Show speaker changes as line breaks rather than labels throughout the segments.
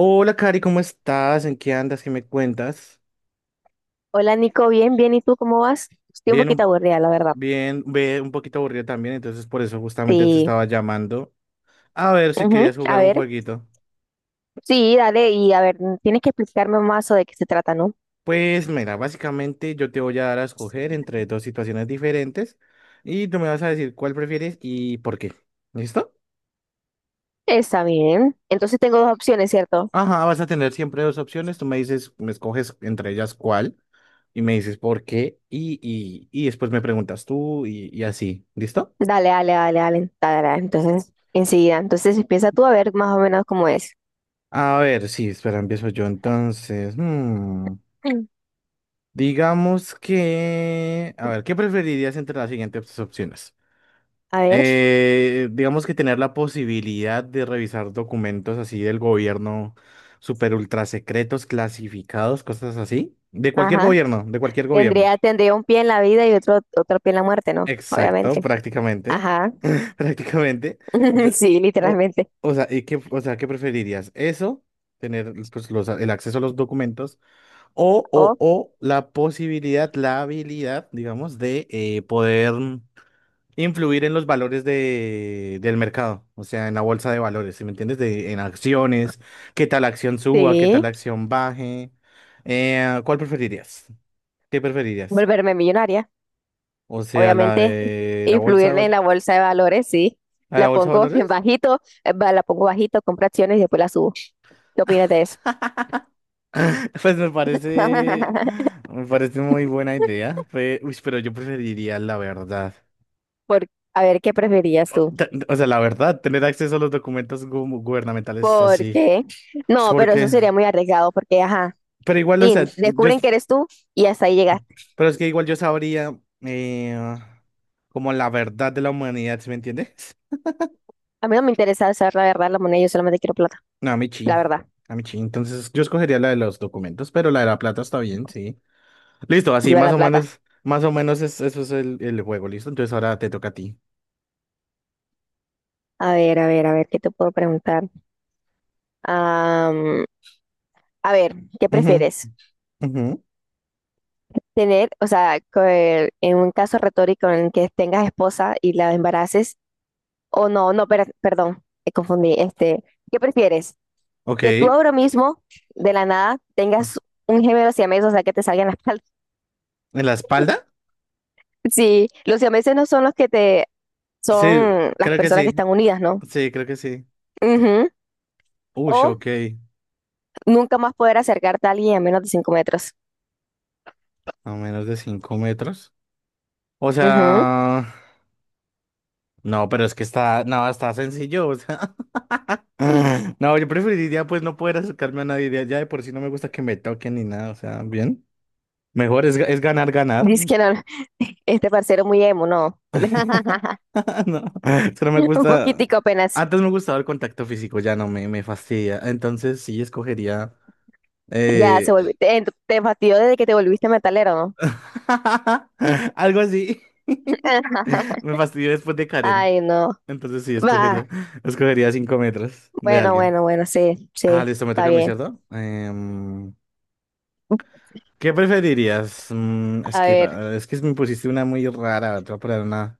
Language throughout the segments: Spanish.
Hola, Cari, ¿cómo estás? ¿En qué andas? ¿Qué me cuentas?
Hola Nico, bien, bien, ¿y tú cómo vas? Estoy un
Bien,
poquito
un-
aburrida, la verdad.
bien, ve un poquito aburrida también, entonces por eso justamente te
Sí,
estaba llamando a ver si
ujú.
querías jugar
A
un
ver,
jueguito.
sí, dale, y a ver, tienes que explicarme más o de qué se trata, ¿no?
Pues mira, básicamente yo te voy a dar a escoger entre dos situaciones diferentes y tú me vas a decir cuál prefieres y por qué. ¿Listo?
Está bien. Entonces tengo dos opciones, ¿cierto?
Ajá, vas a tener siempre dos opciones, tú me dices, me escoges entre ellas cuál y me dices por qué y después me preguntas tú y así. ¿Listo?
Dale, dale, dale, dale, dale, dale. Entonces, enseguida. Entonces empieza tú a ver más o menos cómo es.
A ver, sí, espera, empiezo yo entonces.
Mm.
Digamos que, a ver, ¿qué preferirías entre las siguientes opciones?
A ver,
Digamos que tener la posibilidad de revisar documentos así del gobierno, super ultra secretos, clasificados, cosas así. De cualquier
ajá.
gobierno, de cualquier gobierno.
Tendría, tendría un pie en la vida y otro, otro pie en la muerte, ¿no?
Exacto,
Obviamente.
prácticamente.
Ajá.
Prácticamente. De-
Sí,
o,
literalmente.
o sea, o sea, ¿qué preferirías? ¿Eso? Tener pues, el acceso a los documentos
O,
o la posibilidad, la habilidad, digamos, de poder influir en los valores del mercado, o sea, en la bolsa de valores, ¿sí me entiendes? En acciones, qué tal acción suba, qué tal
sí,
acción baje. ¿Cuál preferirías? ¿Qué preferirías?
volverme millonaria.
O sea, la
Obviamente
de la bolsa de
influir en
valores.
la bolsa de valores, sí.
¿A la
La
bolsa de
pongo en
valores?
bajito, la pongo bajito, compro acciones y después la subo. ¿Qué opinas de eso?
Pues me parece, me parece muy buena idea. Uy, pero yo preferiría la verdad.
Por, a ver, ¿qué preferías tú?
O sea, la verdad, tener acceso a los documentos gubernamentales es así.
Porque,
Es
no, pero eso
porque,
sería muy arriesgado porque, ajá,
pero igual,
tin, descubren que eres tú y hasta ahí llegaste.
pero es que igual yo sabría como la verdad de la humanidad, ¿sí me entiendes?
A mí no me interesa saber la verdad, la moneda, yo solamente quiero plata,
No, a mí sí,
la verdad.
a mí sí. Entonces yo escogería la de los documentos, pero la de la plata está bien, sí. Listo, así
Viva la plata.
más o menos eso es el juego, ¿listo? Entonces ahora te toca a ti.
A ver, a ver, a ver, ¿qué te puedo preguntar? Am, a ver, ¿qué
Ujú,
prefieres?
ujú.
Tener, o sea, en un caso retórico en el que tengas esposa y la embaraces, o no, no, perdón, me confundí, este, ¿qué prefieres?
Ok.
Que tú ahora mismo, de la nada,
Ah,
tengas un gemelo siamés, o sea, que te salgan las palmas.
¿en la espalda?
Sí, los siameses no son los que te,
Sí,
son las
creo que
personas que
sí,
están unidas, ¿no?
sí, creo que sí.
Ujú.
Uy,
O
ok.
nunca más poder acercarte a alguien a menos de 5 metros.
A menos de 5 metros. O
Ujú.
sea, no, pero es que está, no, está sencillo, o sea. No, yo preferiría pues no poder acercarme a nadie, de allá de por sí no me gusta que me toquen ni nada, o sea, bien. Mejor es, es ganar, ganar.
Dice que no, este parcero muy emo, no.
No, solo me
Un
gusta,
poquitico apenas.
antes me gustaba el contacto físico, ya no me, me fastidia. Entonces sí escogería
Ya se
eh...
volvió. Te fastidió desde que te volviste metalero, ¿no?
algo así. Me fastidió después de Karen.
Ay, no.
Entonces sí escogería,
Va.
escogería 5 metros de
Bueno,
alguien.
bueno, bueno, sí,
Ah,
sí,
listo, me
está
toca a mí,
bien.
¿cierto? ¿Qué preferirías?
A ver.
Es que me pusiste una muy rara, te voy a poner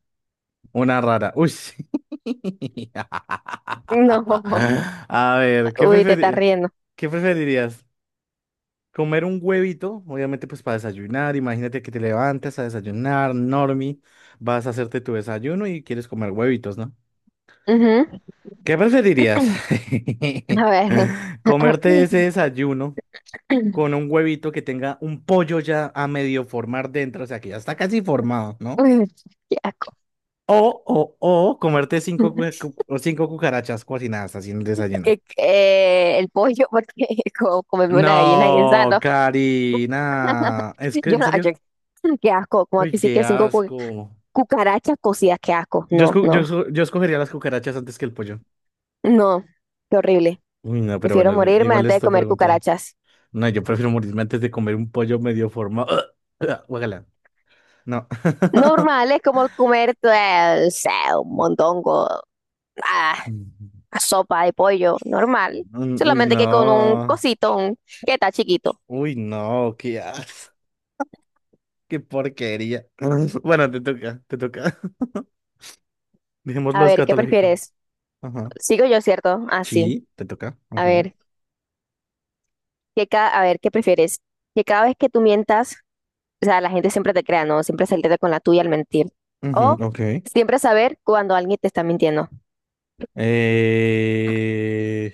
una rara. Uy, sí.
No.
A ver,
Uy, te estás riendo.
¿qué preferirías? ¿Comer un huevito? Obviamente, pues para desayunar. Imagínate que te levantas a desayunar, normie, vas a hacerte tu desayuno y quieres comer huevitos, ¿no?
Ujú.
¿Qué preferirías?
A ver.
¿Comerte ese desayuno con un huevito que tenga un pollo ya a medio formar dentro, o sea, que ya está casi formado, ¿no?
Uy, qué asco.
O, o, o comerte cinco, o cinco cucarachas cocinadas haciendo desayuno.
El pollo, porque como comerme una gallina guisada,
No,
¿no?
Karina. Es que,
Yo
¿en
no, yo-
serio?
qué asco, como
Uy,
que sí
qué
que
asco.
cucarachas cocidas, qué asco. No, no,
Yo escogería las cucarachas antes que el pollo.
no, qué horrible.
Uy, no, pero
Prefiero
bueno,
morirme
igual
antes de
esto
comer
preguntado.
cucarachas.
No, yo prefiero morirme antes de comer un pollo medio formado. Guácala. No.
Normales como comer pues, o sea, un mondongo, ah, a sopa de pollo, normal.
Uy,
Solamente que con un
no.
cosito un- que está chiquito.
Uy, no, qué as, qué porquería. Bueno, te toca, te toca.
A
Dejémoslo
ver, ¿qué
escatológico.
prefieres?
Ajá.
Sigo yo, ¿cierto? Así.
Sí, te toca.
A
Ujú.
ver, a ver, ¿qué prefieres? Que cada vez que tú mientas, o sea, la gente siempre te crea, ¿no? Siempre salirte con la tuya al mentir.
Ujú,
O
ok.
siempre saber cuando alguien te está mintiendo.
Eh,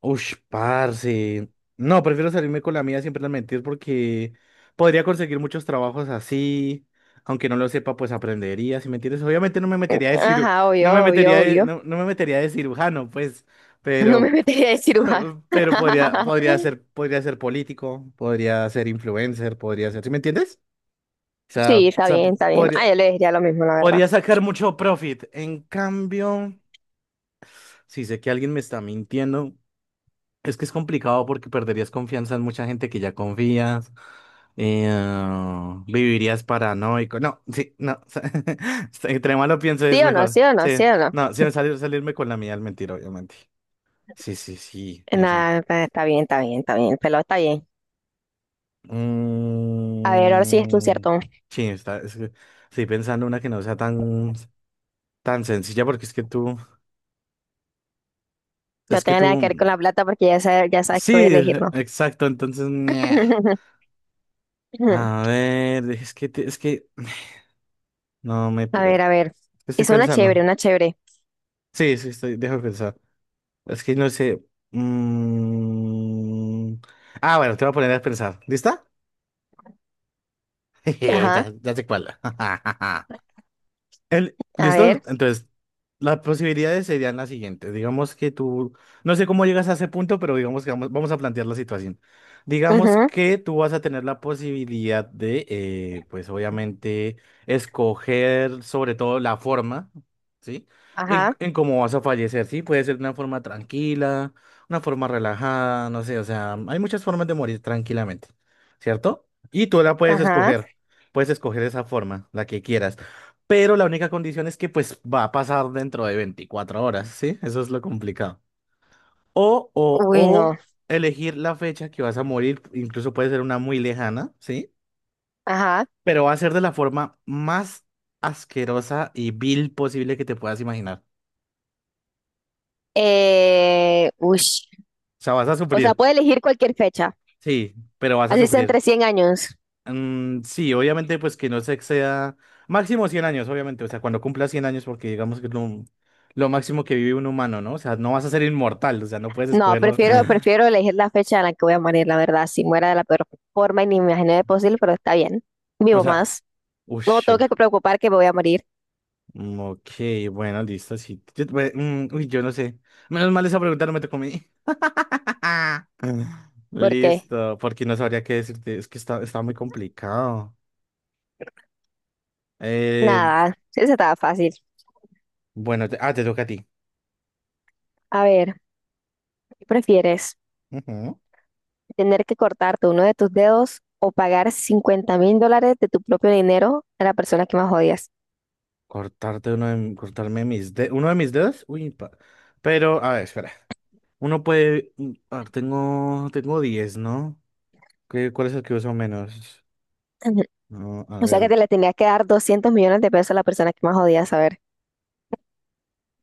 ush, parce. No, prefiero salirme con la mía siempre al mentir porque podría conseguir muchos trabajos así. Aunque no lo sepa, pues aprendería, si me entiendes. Obviamente no me metería de
Ajá,
no
obvio,
me metería
obvio, obvio.
no, no me metería de cirujano, pues,
No me
pero,
metería de cirujano.
pero podría, podría ser político, podría ser influencer, podría ser, ¿sí me entiendes?
Sí,
O
está
sea,
bien, está bien. Ah,
podría,
yo le diría lo mismo, la verdad.
podría sacar mucho profit. En cambio, si sé que alguien me está mintiendo. Es que es complicado porque perderías confianza en mucha gente que ya confías, vivirías paranoico. No, sí, no. Entre más lo pienso es
¿Sí o no?
mejor.
¿Sí o no? ¿Sí
Sí,
o no?
no, sin salir, salirme con la mía al mentir, obviamente. Sí, sí, sí, esa.
Nada, está está bien, está bien, está bien. Pero está bien. A ver, ahora sí es tú,
Mm,
¿cierto?
sí, es que estoy pensando una que no sea tan, tan sencilla porque
No
es que
tenga
tú,
nada que ver con la plata porque ya sabes que voy a
sí,
elegir, ¿no?
exacto, entonces, ñe. A ver, es que, es que, no me...
A ver, a ver.
Estoy
Es una chévere,
pensando.
una chévere.
Sí, sí, estoy, déjame pensar. Es que no sé. Mm. Ah, bueno, te voy a poner a pensar. ¿Lista? Jeje, ya,
Ajá,
ya sé cuál.
a
¿Listo?
ver.
Entonces las posibilidades serían las siguientes. Digamos que tú, no sé cómo llegas a ese punto, pero digamos que vamos, vamos a plantear la situación. Digamos
Ujú.
que tú vas a tener la posibilidad de, pues obviamente, escoger sobre todo la forma, ¿sí?
Ajá,
En cómo vas a fallecer, ¿sí? Puede ser de una forma tranquila, una forma relajada, no sé, o sea, hay muchas formas de morir tranquilamente, ¿cierto? Y tú la
ajá.
puedes escoger esa forma, la que quieras, pero la única condición es que pues va a pasar dentro de 24 horas, ¿sí? Eso es lo complicado.
Uy,
O
no.
elegir la fecha que vas a morir, incluso puede ser una muy lejana, ¿sí?
Ajá.
Pero va a ser de la forma más asquerosa y vil posible que te puedas imaginar.
Uy.
O sea, vas a
O sea,
sufrir,
puede elegir cualquier fecha.
sí, pero vas a
Así sea
sufrir.
entre 100 años.
Sí, obviamente pues que no se exceda máximo 100 años, obviamente, o sea, cuando cumpla 100 años, porque digamos que es lo máximo que vive un humano, ¿no? O sea, no vas a ser inmortal, o sea, no puedes
No,
escogerlo.
prefiero, prefiero elegir la fecha en la que voy a morir, la verdad. Si muera de la peor forma y ni me imaginé posible, pero está bien.
O
Vivo
sea,
más.
uy,
No tengo
ok,
que preocupar que me voy a morir,
ok, bueno, listo, sí. Yo, bueno, uy, yo no sé. Menos mal esa pregunta no me tocó a mí.
porque
Listo, porque no sabría qué decirte. Es que está, está muy complicado. Eh,
nada, sí, eso estaba fácil.
bueno, te toca a ti.
A ver, ¿qué prefieres?
Ujú.
¿Tener que cortarte uno de tus dedos o pagar $50.000 de tu propio dinero a la persona que más odias?
Cortarme mis dedos. ¿Uno de mis dedos? Uy, pero, a ver, espera. Uno puede. A ver, tengo, tengo 10, ¿no? ¿Cuál es el que uso menos?
Ujú.
No, a
O sea que
ver.
te le tenías que dar 200 millones de pesos a la persona que más odias. A ver,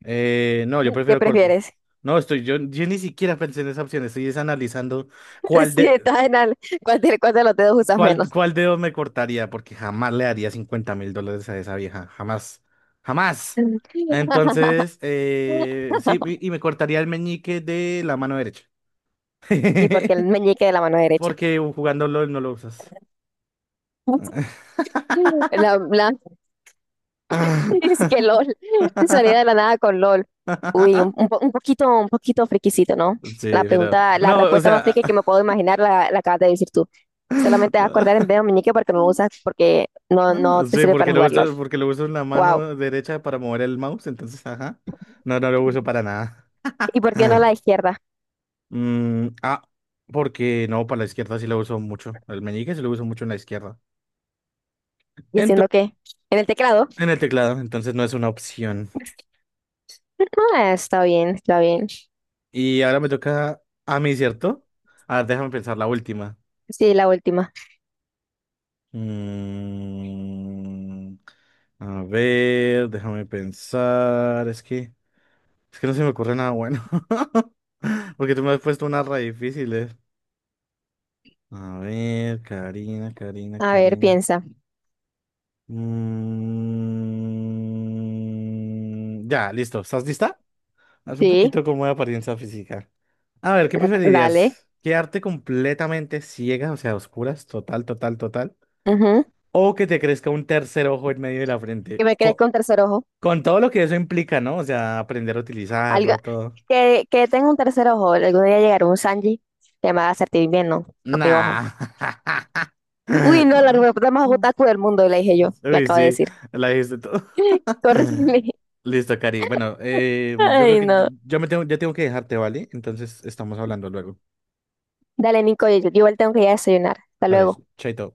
No, yo
¿qué
prefiero corto.
prefieres?
No, estoy, yo ni siquiera pensé en esa opción, estoy es analizando cuál
Si
de,
estás en al- cuál de los dedos usas
cuál,
menos?
cuál dedo me cortaría, porque jamás le daría $50.000 a esa vieja, jamás, jamás. Entonces, sí, y me cortaría el meñique de la mano derecha,
Y porque el meñique de la mano derecha.
porque jugando LOL no lo usas.
La, la- es que LOL. Salía de la nada con LOL. Uy, un poquito friquisito, ¿no? La
Sí, pero,
pregunta, la
no, o
respuesta más
sea...
friki que me puedo imaginar la acabas de decir tú. Solamente vas a acordar el dedo meñique porque no lo usas, porque no,
Ah,
no te
sí,
sirve para jugar LOL.
porque lo uso en la
Wow.
mano derecha para mover el mouse, entonces, ajá. No, no lo uso para nada.
¿Y por qué no la izquierda?
Ah, mm, ah, porque no, para la izquierda sí lo uso mucho. El meñique sí lo uso mucho en la izquierda.
¿Y
Ento-
haciendo qué? ¿En el teclado?
en el teclado, entonces no es una opción.
Ah, está bien, está bien.
Y ahora me toca a mí, ¿cierto? A ver, déjame pensar la última.
Sí, la última.
Mm, a ver, déjame pensar. Es que no se me ocurre nada bueno. Porque tú me has puesto una re difícil. A ver, Karina, Karina,
A ver,
Karina.
piensa.
Ya, listo. ¿Estás lista? Haz un
Sí,
poquito como de apariencia física. A ver, ¿qué
dale.
preferirías? ¿Quedarte completamente ciega, o sea, a oscuras, total, total, total?
Ujú.
¿O que te crezca un tercer ojo en medio de la
¿Qué
frente?
me crees con tercer ojo?
Con todo lo que eso implica, ¿no? O sea, aprender a
Algo,
utilizarlo, todo.
que tenga un tercer ojo. Algún día llegará un Sanji que me va a hacer bien, ¿no? Con mi
Nah.
ojo. Uy, no, la respuesta más otaku del mundo, le dije yo. Le
Uy,
acabo de
sí,
decir.
la dijiste tú.
Corrígeme.
Listo, Cari. Bueno, yo creo
Ay,
que yo
no.
yo me tengo, ya tengo que dejarte, ¿vale? Entonces estamos hablando luego.
Dale, Nico, yo igual tengo que ir a desayunar. Hasta
Dale,
luego.
chaito.